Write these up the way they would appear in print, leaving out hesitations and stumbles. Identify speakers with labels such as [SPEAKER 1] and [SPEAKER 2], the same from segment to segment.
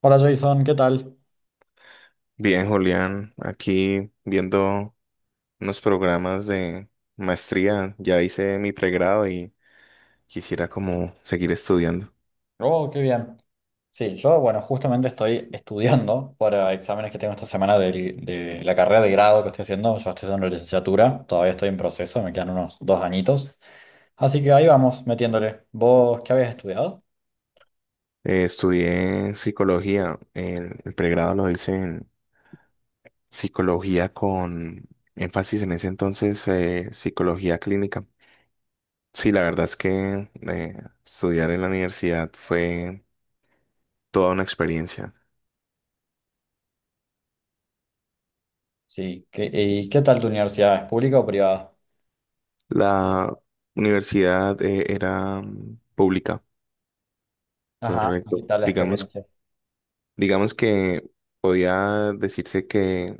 [SPEAKER 1] Hola Jason, ¿qué tal?
[SPEAKER 2] Bien, Julián, aquí viendo unos programas de maestría. Ya hice mi pregrado y quisiera como seguir estudiando.
[SPEAKER 1] Oh, qué bien. Sí, yo, bueno, justamente estoy estudiando para exámenes que tengo esta semana la carrera de grado que estoy haciendo. Yo estoy haciendo la licenciatura, todavía estoy en proceso, me quedan unos dos añitos. Así que ahí vamos, metiéndole. ¿Vos qué habías estudiado?
[SPEAKER 2] Estudié psicología. El pregrado lo hice en psicología con énfasis en ese entonces, psicología clínica. Sí, la verdad es que estudiar en la universidad fue toda una experiencia.
[SPEAKER 1] Sí, ¿qué- ¿y qué tal tu universidad? ¿Es pública o privada?
[SPEAKER 2] La universidad era pública,
[SPEAKER 1] Ajá, ¿y ¿qué
[SPEAKER 2] correcto.
[SPEAKER 1] tal la
[SPEAKER 2] Digamos
[SPEAKER 1] experiencia?
[SPEAKER 2] Digamos que podía decirse que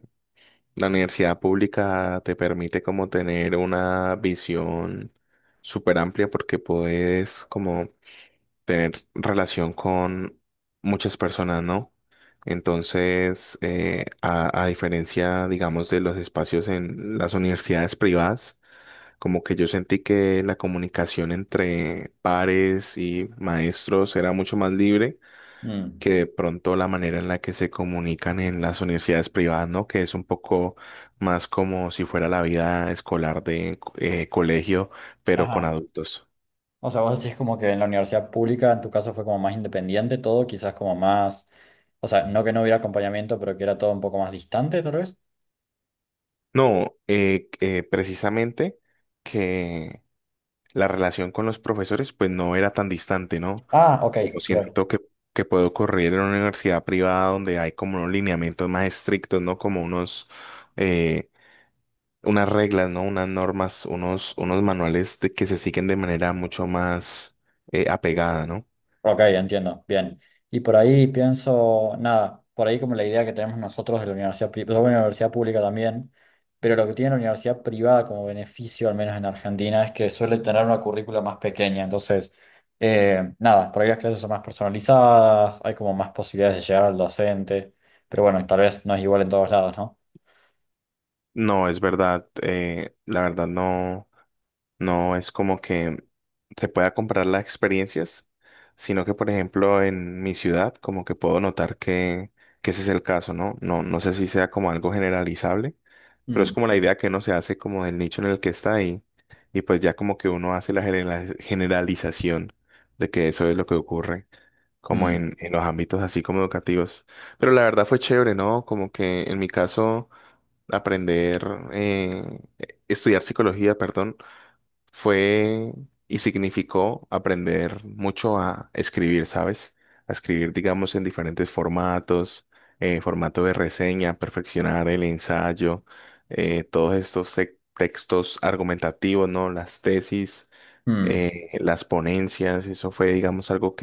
[SPEAKER 2] la universidad pública te permite como tener una visión súper amplia porque puedes como tener relación con muchas personas, ¿no? Entonces, a diferencia, digamos, de los espacios en las universidades privadas, como que yo sentí que la comunicación entre pares y maestros era mucho más libre
[SPEAKER 1] Mm.
[SPEAKER 2] que de pronto la manera en la que se comunican en las universidades privadas, ¿no? Que es un poco más como si fuera la vida escolar de colegio, pero con
[SPEAKER 1] Ajá.
[SPEAKER 2] adultos.
[SPEAKER 1] O sea, vos decís como que en la universidad pública, en tu caso fue como más independiente todo, quizás como más, o sea, no que no hubiera acompañamiento, pero que era todo un poco más distante, tal vez.
[SPEAKER 2] No, precisamente que la relación con los profesores pues no era tan distante, ¿no?
[SPEAKER 1] Ah, ok,
[SPEAKER 2] Como
[SPEAKER 1] bien.
[SPEAKER 2] siento que puede ocurrir en una universidad privada donde hay como unos lineamientos más estrictos, ¿no? Como unos... eh, unas reglas, ¿no? Unas normas, unos que se siguen de manera mucho más apegada, ¿no?
[SPEAKER 1] Ok, entiendo, bien. Y por ahí pienso, nada, por ahí como la idea que tenemos nosotros de la universidad, pues, bueno, la universidad pública también, pero lo que tiene la universidad privada como beneficio, al menos en Argentina, es que suele tener una currícula más pequeña, entonces, nada, por ahí las clases son más personalizadas, hay como más posibilidades de llegar al docente, pero bueno, tal vez no es igual en todos lados, ¿no?
[SPEAKER 2] No, es verdad, la verdad no, no es como que se pueda comprar las experiencias, sino que, por ejemplo, en mi ciudad, como que puedo notar que ese es el caso, ¿no? No, no sé si sea como algo generalizable, pero es
[SPEAKER 1] Mm,
[SPEAKER 2] como la idea que uno se hace como del nicho en el que está y pues ya como que uno hace la generalización de que eso es lo que ocurre, como
[SPEAKER 1] mm,
[SPEAKER 2] en los ámbitos así como educativos. Pero la verdad fue chévere, ¿no? Como que en mi caso, aprender, eh, estudiar psicología, perdón, fue y significó aprender mucho a escribir, ¿sabes? A escribir, digamos, en diferentes formatos, formato de reseña, perfeccionar el ensayo, todos estos textos argumentativos, ¿no? Las tesis,
[SPEAKER 1] mm.
[SPEAKER 2] las ponencias, eso fue, digamos, algo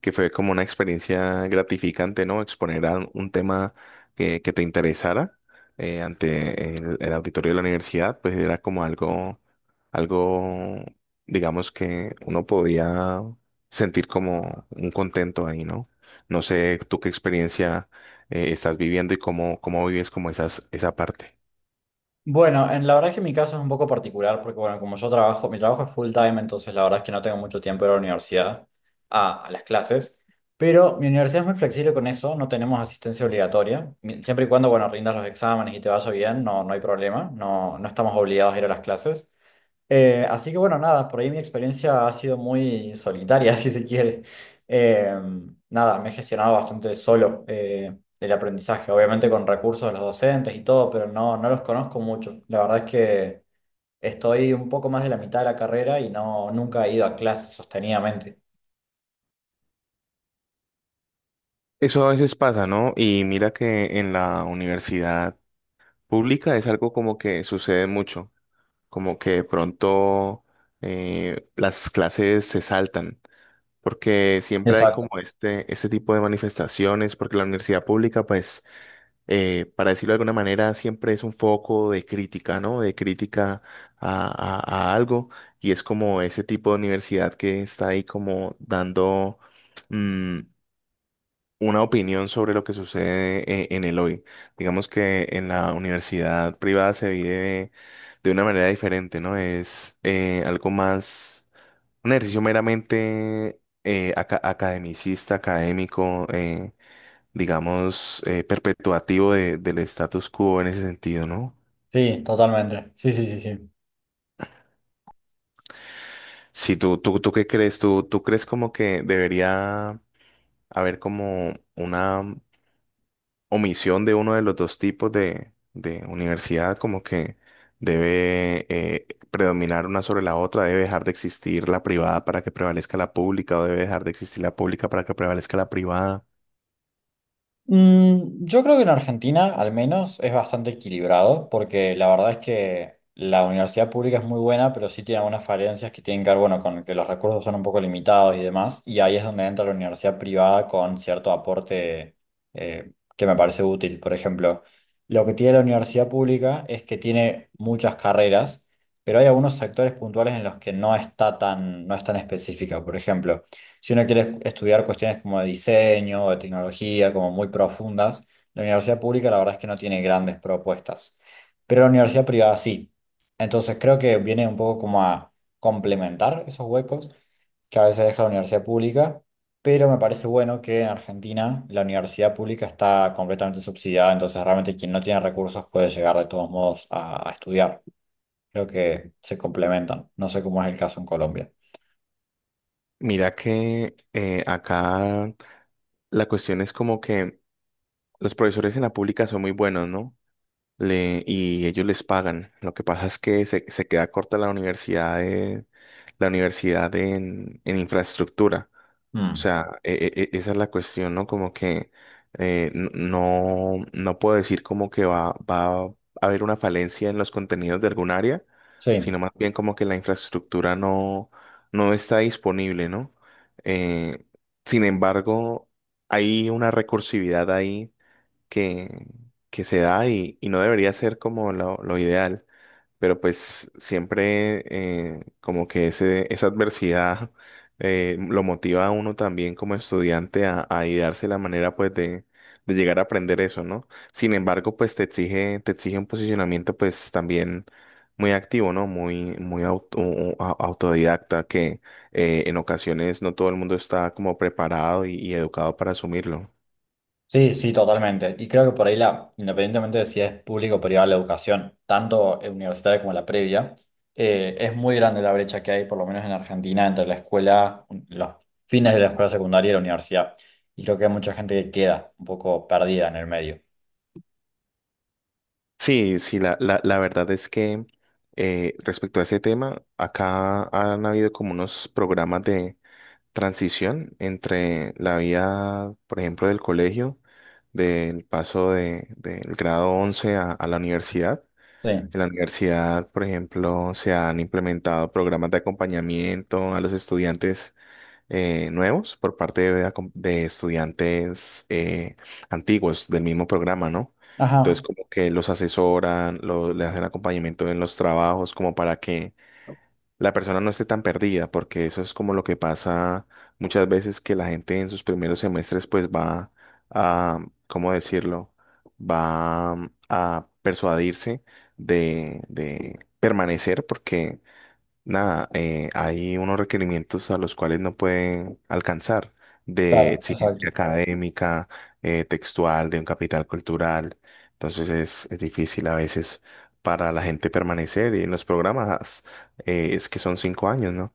[SPEAKER 2] que fue como una experiencia gratificante, ¿no? Exponer a un tema que te interesara ante el auditorio de la universidad, pues era como algo, algo, digamos que uno podía sentir como un contento ahí, ¿no? No sé tú qué experiencia estás viviendo y cómo, cómo vives como esas, esa parte.
[SPEAKER 1] Bueno, en, la verdad es que mi caso es un poco particular porque, bueno, como yo trabajo, mi trabajo es full time, entonces la verdad es que no tengo mucho tiempo de ir a la universidad, a las clases, pero mi universidad es muy flexible con eso, no tenemos asistencia obligatoria. Siempre y cuando, bueno, rindas los exámenes y te vaya bien, no, no hay problema, no, no estamos obligados a ir a las clases. Así que bueno, nada, por ahí mi experiencia ha sido muy solitaria, si se quiere. Eh, Nada, me he gestionado bastante solo el aprendizaje, obviamente con recursos de los docentes y todo, pero no, no los conozco mucho. La verdad es que estoy un poco más de la mitad de la carrera y no, nunca he ido a clases sostenidamente.
[SPEAKER 2] Eso a veces pasa, ¿no? Y mira que en la universidad pública es algo como que sucede mucho, como que de pronto las clases se saltan, porque siempre hay como
[SPEAKER 1] Exacto.
[SPEAKER 2] este tipo de manifestaciones, porque la universidad pública, pues, para decirlo de alguna manera, siempre es un foco de crítica, ¿no? De crítica a, a algo, y es como ese tipo de universidad que está ahí como dando... mm, una opinión sobre lo que sucede en el hoy. Digamos que en la universidad privada se vive de una manera diferente, ¿no? Es algo más, un ejercicio meramente academicista, académico, digamos, perpetuativo del status quo en ese sentido, ¿no?
[SPEAKER 1] Sí, totalmente. Sí, sí, sí, sí.
[SPEAKER 2] Si tú qué crees, tú crees como que debería haber como una omisión de uno de los dos tipos de universidad, como que debe predominar una sobre la otra, debe dejar de existir la privada para que prevalezca la pública o debe dejar de existir la pública para que prevalezca la privada.
[SPEAKER 1] Mm, yo creo que en Argentina, al menos, es bastante equilibrado, porque la verdad es que la universidad pública es muy buena, pero sí tiene algunas falencias que tienen que ver, bueno, con que los recursos son un poco limitados y demás, y ahí es donde entra la universidad privada con cierto aporte que me parece útil. Por ejemplo, lo que tiene la universidad pública es que tiene muchas carreras, pero hay algunos sectores puntuales en los que no está tan, no es tan específica. Por ejemplo, si uno quiere estudiar cuestiones como de diseño o de tecnología, como muy profundas, la universidad pública la verdad es que no tiene grandes propuestas, pero la universidad privada sí. Entonces creo que viene un poco como a complementar esos huecos que a veces deja la universidad pública, pero me parece bueno que en Argentina la universidad pública está completamente subsidiada, entonces realmente quien no tiene recursos puede llegar de todos modos a estudiar. Creo que se complementan. No sé cómo es el caso en Colombia.
[SPEAKER 2] Mira que acá la cuestión es como que los profesores en la pública son muy buenos, ¿no? Y ellos les pagan. Lo que pasa es que se queda corta la universidad de, la universidad en infraestructura. O
[SPEAKER 1] Mm.
[SPEAKER 2] sea, esa es la cuestión, ¿no? Como que no, no puedo decir como que va, va a haber una falencia en los contenidos de algún área,
[SPEAKER 1] Sí.
[SPEAKER 2] sino más bien como que la infraestructura no, no está disponible, ¿no? Eh, Sin embargo, hay una recursividad ahí que, que se da y no debería ser como lo ideal, pero pues siempre como que ese, esa adversidad lo motiva a uno también como estudiante a idearse la manera pues de llegar a aprender eso, ¿no? Sin embargo, pues te exige un posicionamiento pues también muy activo, ¿no? Muy, muy autodidacta que en ocasiones no todo el mundo está como preparado y educado para asumirlo.
[SPEAKER 1] Sí, sí, totalmente. Y creo que por ahí, la, independientemente de si es público o privada la educación, tanto universitaria como la previa, es muy grande la brecha que hay, por lo menos en Argentina, entre la escuela, los fines de la escuela secundaria y la universidad. Y creo que hay mucha gente que queda un poco perdida en el medio.
[SPEAKER 2] Sí, sí, la verdad es que respecto a ese tema, acá han habido como unos programas de transición entre la vida, por ejemplo, del colegio, del paso de, del grado 11 a la universidad.
[SPEAKER 1] Sí.
[SPEAKER 2] En la universidad, por ejemplo, se han implementado programas de acompañamiento a los estudiantes nuevos por parte de, la de estudiantes antiguos del mismo programa, ¿no? Entonces,
[SPEAKER 1] Ajá,
[SPEAKER 2] como que los asesoran, le hacen acompañamiento en los trabajos, como para que la persona no esté tan perdida, porque eso es como lo que pasa muchas veces que la gente en sus primeros semestres, pues va a, ¿cómo decirlo? Va a persuadirse de permanecer, porque nada, hay unos requerimientos a los cuales no pueden alcanzar de
[SPEAKER 1] claro,
[SPEAKER 2] exigencia
[SPEAKER 1] exacto.
[SPEAKER 2] académica, textual, de un capital cultural. Entonces es difícil a veces para la gente permanecer y en los programas es que son 5 años, ¿no?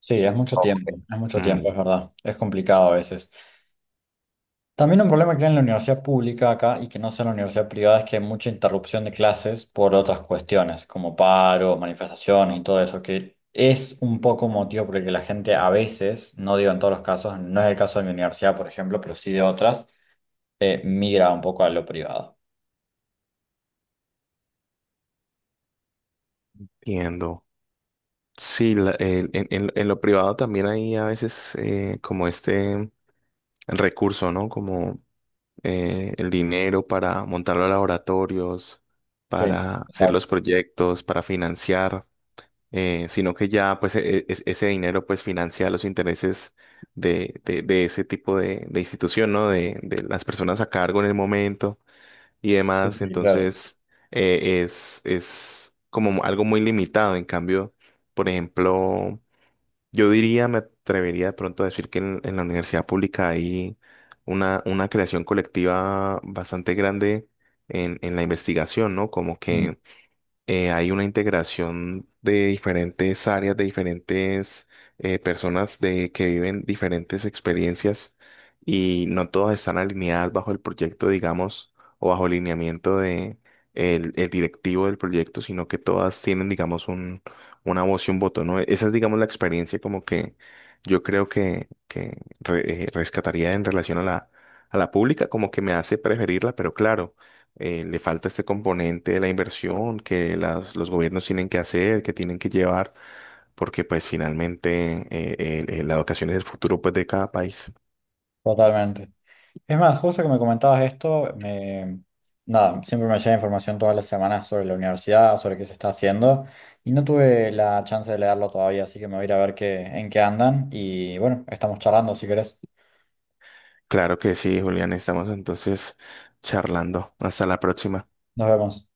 [SPEAKER 1] Sí, es mucho
[SPEAKER 2] Oh.
[SPEAKER 1] tiempo, es mucho tiempo,
[SPEAKER 2] Mm.
[SPEAKER 1] es verdad. Es complicado a veces. También un problema que hay en la universidad pública acá y que no sea en la universidad privada es que hay mucha interrupción de clases por otras cuestiones, como paros, manifestaciones y todo eso, que es un poco motivo por el que la gente a veces, no digo en todos los casos, no es el caso de mi universidad, por ejemplo, pero sí de otras, migra un poco a lo privado.
[SPEAKER 2] Entiendo. Sí, en, en lo privado también hay a veces como este recurso, ¿no? Como el dinero para montar los laboratorios,
[SPEAKER 1] Sí,
[SPEAKER 2] para hacer
[SPEAKER 1] exacto.
[SPEAKER 2] los proyectos, para financiar, sino que ya pues ese dinero pues financia los intereses de ese tipo de institución, ¿no? De las personas a cargo en el momento y
[SPEAKER 1] Sí,
[SPEAKER 2] demás.
[SPEAKER 1] sí, claro.
[SPEAKER 2] Entonces es como algo muy limitado. En cambio, por ejemplo, yo diría, me atrevería de pronto a decir que en la universidad pública hay una creación colectiva bastante grande en la investigación, ¿no? Como
[SPEAKER 1] Mm,
[SPEAKER 2] que hay una integración de diferentes áreas, de diferentes personas de, que viven diferentes experiencias y no todas están alineadas bajo el proyecto, digamos, o bajo el lineamiento de el directivo del proyecto, sino que todas tienen, digamos, un, una voz y un voto, ¿no? Esa es, digamos, la experiencia como que yo creo que rescataría en relación a la pública, como que me hace preferirla, pero claro le falta este componente de la inversión que los gobiernos tienen que hacer, que tienen que llevar, porque pues finalmente la educación es el futuro pues de cada país.
[SPEAKER 1] totalmente. Es más, justo que me comentabas esto, me, nada, siempre me llega información todas las semanas sobre la universidad, sobre qué se está haciendo, y no tuve la chance de leerlo todavía, así que me voy a ir a ver qué, en qué andan, y bueno, estamos charlando si querés.
[SPEAKER 2] Claro que sí, Julián, estamos entonces charlando. Hasta la próxima.
[SPEAKER 1] Nos vemos.